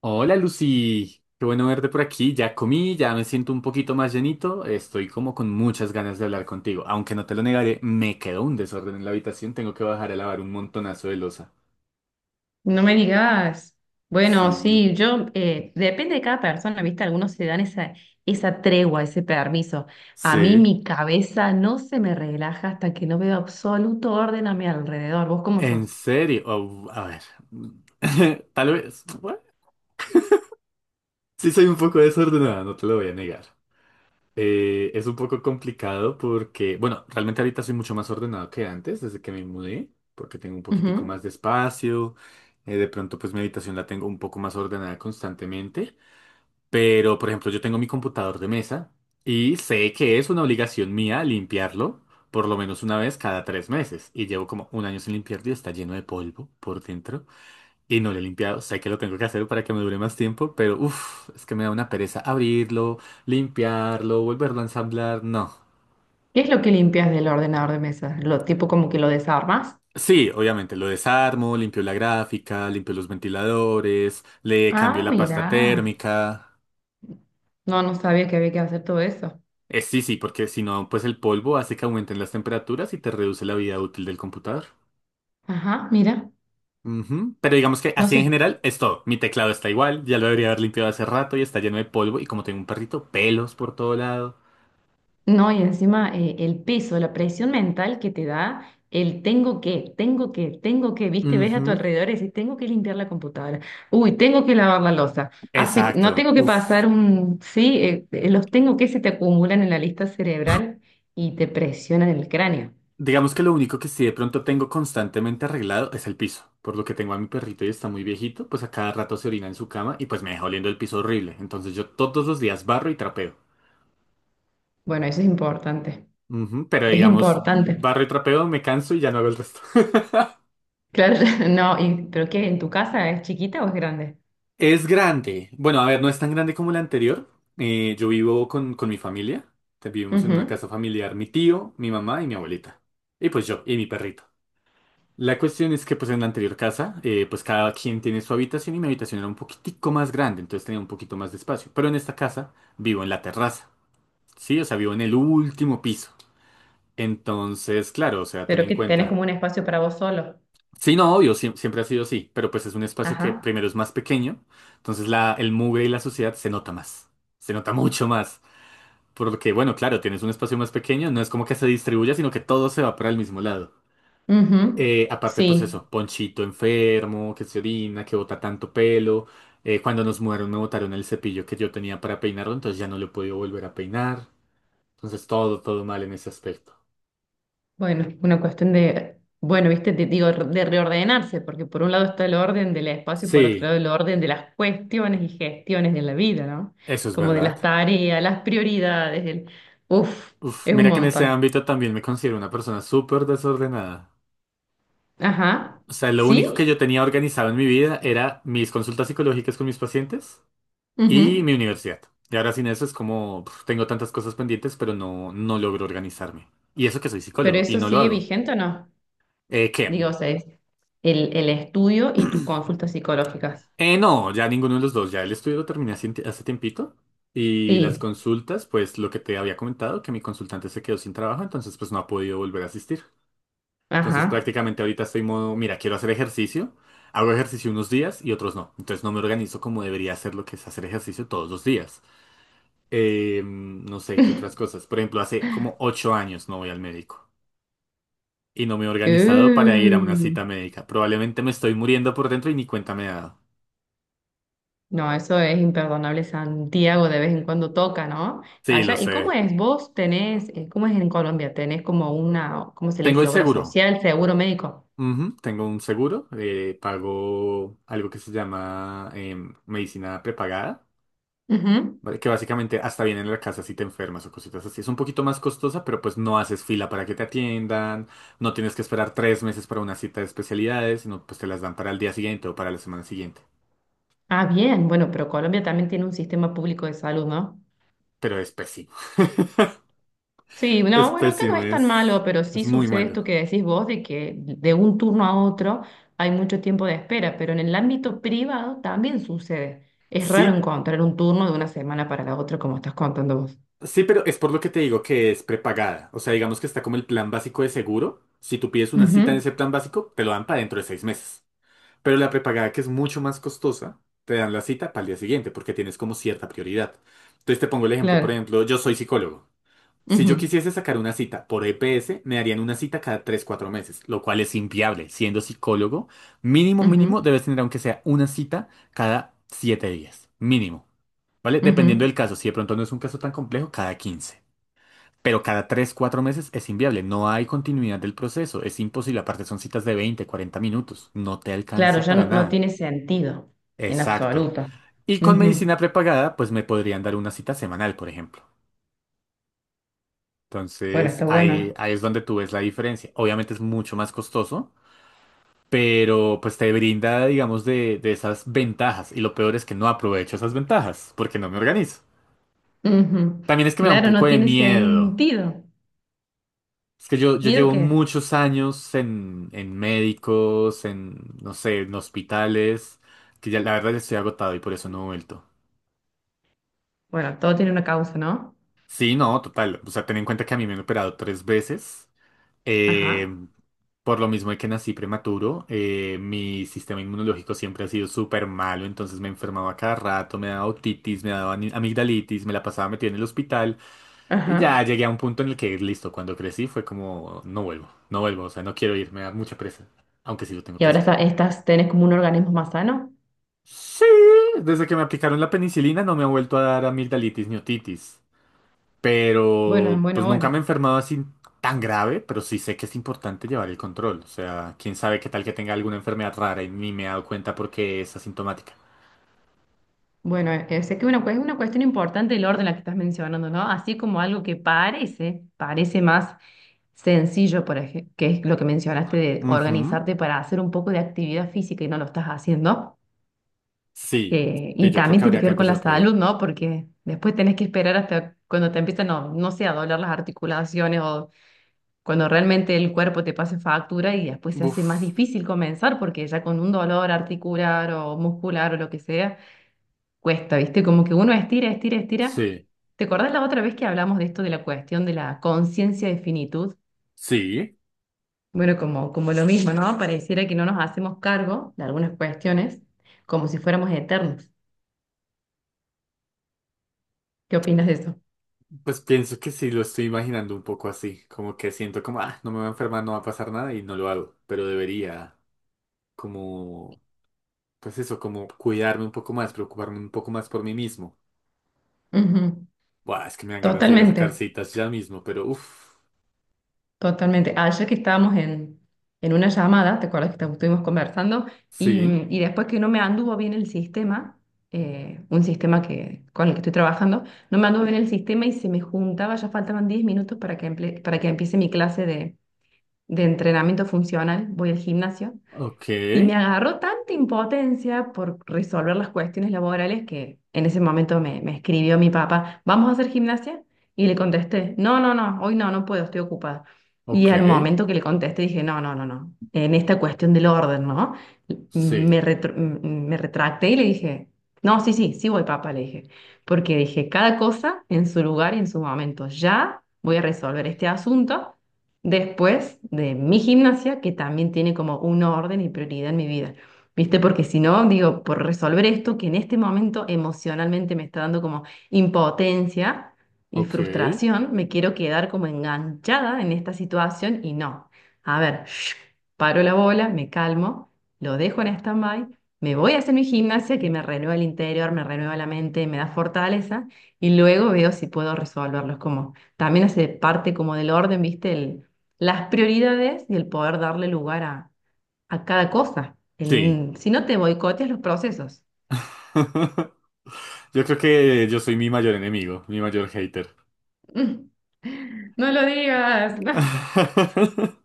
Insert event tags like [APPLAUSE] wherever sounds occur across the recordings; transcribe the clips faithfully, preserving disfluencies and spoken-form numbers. Hola Lucy, qué bueno verte por aquí. Ya comí, ya me siento un poquito más llenito. Estoy como con muchas ganas de hablar contigo. Aunque no te lo negaré, me quedó un desorden en la habitación. Tengo que bajar a lavar un montonazo de loza. No me digas. Bueno, Sí. sí, yo, eh, depende de cada persona, ¿viste? Algunos se dan esa, esa tregua, ese permiso. A mí Sí. mi cabeza no se me relaja hasta que no veo absoluto orden a mi alrededor. ¿Vos cómo ¿En sos? serio? Oh, a ver. [LAUGHS] Tal vez. bueno, sí, soy un poco desordenada, no te lo voy a negar. Eh, es un poco complicado porque, bueno, realmente ahorita soy mucho más ordenado que antes, desde que me mudé, porque tengo un poquitico Ujú. más de espacio. Eh, de pronto, pues mi habitación la tengo un poco más ordenada constantemente. Pero, por ejemplo, yo tengo mi computador de mesa y sé que es una obligación mía limpiarlo por lo menos una vez cada tres meses. Y llevo como un año sin limpiarlo y está lleno de polvo por dentro. Y no lo he limpiado, sé que lo tengo que hacer para que me dure más tiempo, pero uff, es que me da una pereza abrirlo, limpiarlo, volverlo a ensamblar, no. ¿Qué es lo que limpias del ordenador de mesa? ¿Lo tipo como que lo desarmas? Sí, obviamente, lo desarmo, limpio la gráfica, limpio los ventiladores, le cambio Ah, la pasta mira. térmica. No, no sabía que había que hacer todo eso. Eh, sí, sí, porque si no, pues el polvo hace que aumenten las temperaturas y te reduce la vida útil del computador. Ajá, mira. Ujú. Pero digamos que No así en sé. general es todo. Mi teclado está igual, ya lo debería haber limpiado hace rato y está lleno de polvo y como tengo un perrito, pelos por todo lado. No, y encima eh, el peso, la presión mental que te da el tengo que, tengo que, tengo que, viste, ves a tu Ujú. alrededor y dices, tengo que limpiar la computadora, uy, tengo que lavar la loza, Hace- no Exacto. tengo que Uf. pasar un, sí, eh, eh, los tengo que se te acumulan en la lista cerebral y te presionan el cráneo. Digamos que lo único que sí de pronto tengo constantemente arreglado es el piso. Por lo que tengo a mi perrito y está muy viejito, pues a cada rato se orina en su cama y pues me deja oliendo el piso horrible. Entonces yo todos los días barro y trapeo. Bueno, eso es importante, Ujú. Pero es digamos, importante. barro y trapeo, me canso y ya no hago el resto. [LAUGHS] Claro, [LAUGHS] no, y, pero ¿qué? ¿En tu casa es chiquita o es grande? Es grande. Bueno, a ver, no es tan grande como la anterior. Eh, yo vivo con, con mi familia. Te- Vivimos en una Ujú. casa familiar, mi tío, mi mamá y mi abuelita. Y pues yo y mi perrito. La cuestión es que pues en la anterior casa, eh, pues cada quien tiene su habitación y mi habitación era un poquitico más grande, entonces tenía un poquito más de espacio. Pero en esta casa vivo en la terraza, ¿sí? O sea, vivo en el último piso. Entonces, claro, o sea, ten Pero en que tenés cuenta. como un espacio para vos solo. Sí, no, obvio, siem- siempre ha sido así, pero pues es un espacio que Ajá. primero es más pequeño, entonces la, el mugre y la suciedad se nota más, se nota mucho más. Porque, bueno, claro, tienes un espacio más pequeño, no es como que se distribuya, sino que todo se va para el mismo lado. Ujú. Eh, aparte, pues Sí. eso, Ponchito enfermo, que se orina, que bota tanto pelo. Eh, cuando nos mudaron me botaron el cepillo que yo tenía para peinarlo, entonces ya no lo he podido volver a peinar. Entonces todo, todo mal en ese aspecto. Bueno, una cuestión de, bueno, viste, te digo, de reordenarse, porque por un lado está el orden del espacio y por otro Sí, lado el orden de las cuestiones y gestiones de la vida, ¿no? eso es Como de verdad. las tareas, las prioridades, el, uf, Uf, es un mira que en ese montón. ámbito también me considero una persona súper desordenada. Ajá, O sea, lo único sí, que yo tenía organizado en mi vida era mis consultas psicológicas con mis pacientes y ujú. mi universidad. Y ahora sin eso es como, pf, tengo tantas cosas pendientes, pero no, no logro organizarme. Y eso que soy ¿Pero psicólogo y eso no lo sigue hago. vigente o no? Eh, ¿qué? Digo, o sea, es el, el estudio y tus consultas psicológicas. Eh, no, ya ninguno de los dos. Ya el estudio lo terminé hace, hace tiempito. Y las Sí, consultas, pues lo que te había comentado, que mi consultante se quedó sin trabajo, entonces pues no ha podido volver a asistir. Entonces ajá. prácticamente ahorita estoy modo, mira, quiero hacer ejercicio. Hago ejercicio unos días y otros no. Entonces no me organizo como debería hacer lo que es hacer ejercicio todos los días. Eh, no sé qué otras [LAUGHS] cosas. Por ejemplo, hace como ocho años no voy al médico. Y no me he organizado para ir a una Uh. cita médica. Probablemente me estoy muriendo por dentro y ni cuenta me he dado. No, eso es imperdonable. Santiago de vez en cuando toca, ¿no? Sí, lo Allá. ¿Y cómo sé. es? ¿Vos tenés, eh, cómo es en Colombia? ¿Tenés como una, cómo se le Tengo dice, el obra seguro. social, seguro médico? Ujú. Tengo un seguro. Eh, pago algo que se llama em, medicina prepagada, Ujú. ¿vale? Que básicamente hasta viene en la casa si te enfermas o cositas así. Es un poquito más costosa, pero pues no haces fila para que te atiendan. No tienes que esperar tres meses para una cita de especialidades, sino pues te las dan para el día siguiente o para la semana siguiente. Ah, bien. Bueno, pero Colombia también tiene un sistema público de salud, ¿no? Pero es pésimo. [LAUGHS] Sí, Es no, bueno, acá no pésimo, es tan es, malo, pero es sí muy sucede malo. esto que decís vos de que de un turno a otro hay mucho tiempo de espera, pero en el ámbito privado también sucede. Es raro Sí, encontrar un turno de una semana para la otra, como estás contando vos. sí, pero es por lo que te digo que es prepagada. O sea, digamos que está como el plan básico de seguro. Si tú pides una cita en Ujú, ese plan básico, te lo dan para dentro de seis meses. Pero la prepagada, que es mucho más costosa, te dan la cita para el día siguiente porque tienes como cierta prioridad. Entonces te pongo el ejemplo. Por claro. ejemplo, yo soy psicólogo. Si yo Ujú. quisiese sacar una cita por E P S, me darían una cita cada tres cuatro meses, lo cual es inviable. Siendo psicólogo, mínimo, mínimo, Ujú, debes tener aunque sea una cita cada siete días. Mínimo. ¿Vale? Dependiendo ujú. del caso. Si de pronto no es un caso tan complejo, cada quince, pero cada tres cuatro meses es inviable. No hay continuidad del proceso. Es imposible. Aparte son citas de veinte cuarenta minutos. No te Claro, alcanza ya para no, no nada. tiene sentido en Exacto. absoluto. Y con Ujú. medicina prepagada, pues me podrían dar una cita semanal, por ejemplo. Bueno, Entonces, está ahí, bueno. ahí es donde tú ves la diferencia. Obviamente es mucho más costoso, pero pues te brinda, digamos, de, de esas ventajas. Y lo peor es que no aprovecho esas ventajas porque no me organizo. Ujú. También es que me da un Claro, poco no de tiene miedo. sentido. Es que yo, yo ¿Miedo llevo qué? muchos años en, en médicos, en, no sé, en hospitales, que ya la verdad ya estoy agotado y por eso no he vuelto. Bueno, todo tiene una causa, ¿no? Sí, no, total. O sea, ten en cuenta que a mí me han operado tres veces. Ajá. Eh, por lo mismo de que nací prematuro, eh, mi sistema inmunológico siempre ha sido súper malo, entonces me enfermaba cada rato, me daba otitis, me daba ani- amigdalitis, me la pasaba metida en el hospital y ya Ajá. llegué a un punto en el que, listo, cuando crecí fue como, no vuelvo, no vuelvo, o sea, no quiero ir, me da mucha presa, aunque sí lo tengo Y que ahora hacer. está- estás, tenés como un organismo más sano. Sí, desde que me aplicaron la penicilina no me ha vuelto a dar amigdalitis ni otitis. Bueno, en Pero pues buena nunca me he hora. enfermado así tan grave, pero sí sé que es importante llevar el control. O sea, quién sabe qué tal que tenga alguna enfermedad rara y ni me he dado cuenta porque es asintomática. Bueno, eh, sé que una, cue- es una cuestión importante el orden la que estás mencionando, ¿no? Así como algo que parece, parece más sencillo, por ejemplo, que es lo que mencionaste de Ujú. organizarte para hacer un poco de actividad física y no lo estás haciendo. Sí, Que- sí, y yo creo también que tiene habría que que ver con la empezar por ahí. salud, ¿no? Porque después tenés que esperar hasta cuando te empiezan, no, no sé, a doler las articulaciones o cuando realmente el cuerpo te pase factura y después se hace más Uf, difícil comenzar porque ya con un dolor articular o muscular o lo que sea cuesta, ¿viste? Como que uno estira, estira, estira. sí, ¿Te acordás la otra vez que hablamos de esto, de la cuestión de la conciencia de finitud? sí. Bueno, como, como lo mismo, ¿no? Pareciera que no nos hacemos cargo de algunas cuestiones como si fuéramos eternos. ¿Qué opinas de eso? Pues pienso que sí, lo estoy imaginando un poco así, como que siento como, ah, no me va a enfermar, no va a pasar nada y no lo hago, pero debería como, pues eso, como cuidarme un poco más, preocuparme un poco más por mí mismo. Ujú, Buah, es que me dan ganas de ir a sacar totalmente. citas ya mismo, pero uff. Totalmente. Ah, ayer que estábamos en, en una llamada, ¿te acuerdas que esta- estuvimos conversando? Y, Sí. mm, y después que no me anduvo bien el sistema, eh, un sistema que, con el que estoy trabajando, no me anduvo bien el sistema y se me juntaba, ya faltaban diez minutos para que, emple- para que empiece mi clase de, de entrenamiento funcional. Voy al gimnasio Ok. y me agarró tanta impotencia por resolver las cuestiones laborales que en ese momento me, me escribió mi papá, ¿vamos a hacer gimnasia? Y le contesté, no, no, no, hoy no, no puedo, estoy ocupada. Y al Ok. momento que le contesté dije, no, no, no, no, en esta cuestión del orden, ¿no? Me, Sí. retr- me retracté y le dije, no, sí, sí, sí voy, papá, le dije, porque dije, cada cosa en su lugar y en su momento, ya voy a resolver este asunto después de mi gimnasia, que también tiene como un orden y prioridad en mi vida. ¿Viste? Porque si no, digo, por resolver esto que en este momento emocionalmente me está dando como impotencia y Ok. frustración, me quiero quedar como enganchada en esta situación y no. A ver, shh, paro la bola, me calmo, lo dejo en stand-by, me voy a hacer mi gimnasia que me renueva el interior, me renueva la mente, me da fortaleza y luego veo si puedo resolverlos. Es como, también hace parte como del orden, ¿viste? El, las prioridades y el poder darle lugar a, a cada cosa. Sí. El- si no te boicoteas los procesos. [LAUGHS] Yo creo que yo soy mi mayor enemigo, mi mayor hater. [LAUGHS] Mm. No lo digas. [LAUGHS] [LAUGHS]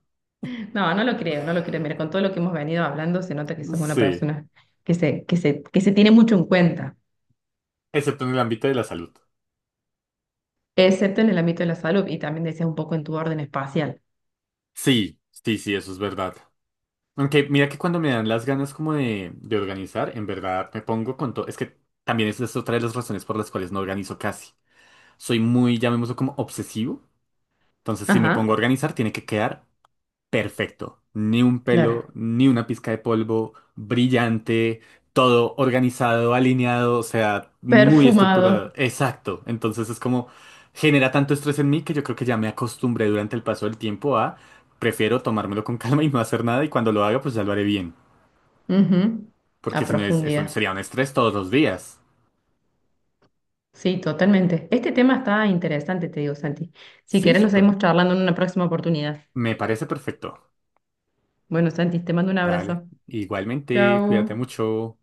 No, no lo creo, no lo creo. Mira, con todo lo que hemos venido hablando, se nota que sos una Sí. persona que se, que se, que se tiene mucho en cuenta, Excepto en el ámbito de la salud. excepto en el ámbito de la salud y también decías un poco en tu orden espacial. Sí, sí, sí, eso es verdad. Aunque mira que cuando me dan las ganas como de, de organizar, en verdad me pongo con todo. Es que también esa es otra de las razones por las cuales no organizo casi. Soy muy, llamémoslo como obsesivo. Entonces, si me Ajá, pongo a organizar, tiene que quedar perfecto. Ni un claro. pelo, ni una pizca de polvo, brillante, todo organizado, alineado, o sea, muy Perfumado. estructurado. Exacto. Entonces es como genera tanto estrés en mí que yo creo que ya me acostumbré durante el paso del tiempo a prefiero tomármelo con [LAUGHS] calma y no hacer nada y cuando lo haga pues ya lo haré bien. Ujú. A Porque si no es, eso profundidad. sería un estrés todos los días. Sí, totalmente. Este tema está interesante, te digo, Santi. Si Sí, querés, lo súper. seguimos charlando en una próxima oportunidad. Me parece perfecto. Bueno, Santi, te mando un Dale. abrazo. Igualmente, cuídate Chao. mucho.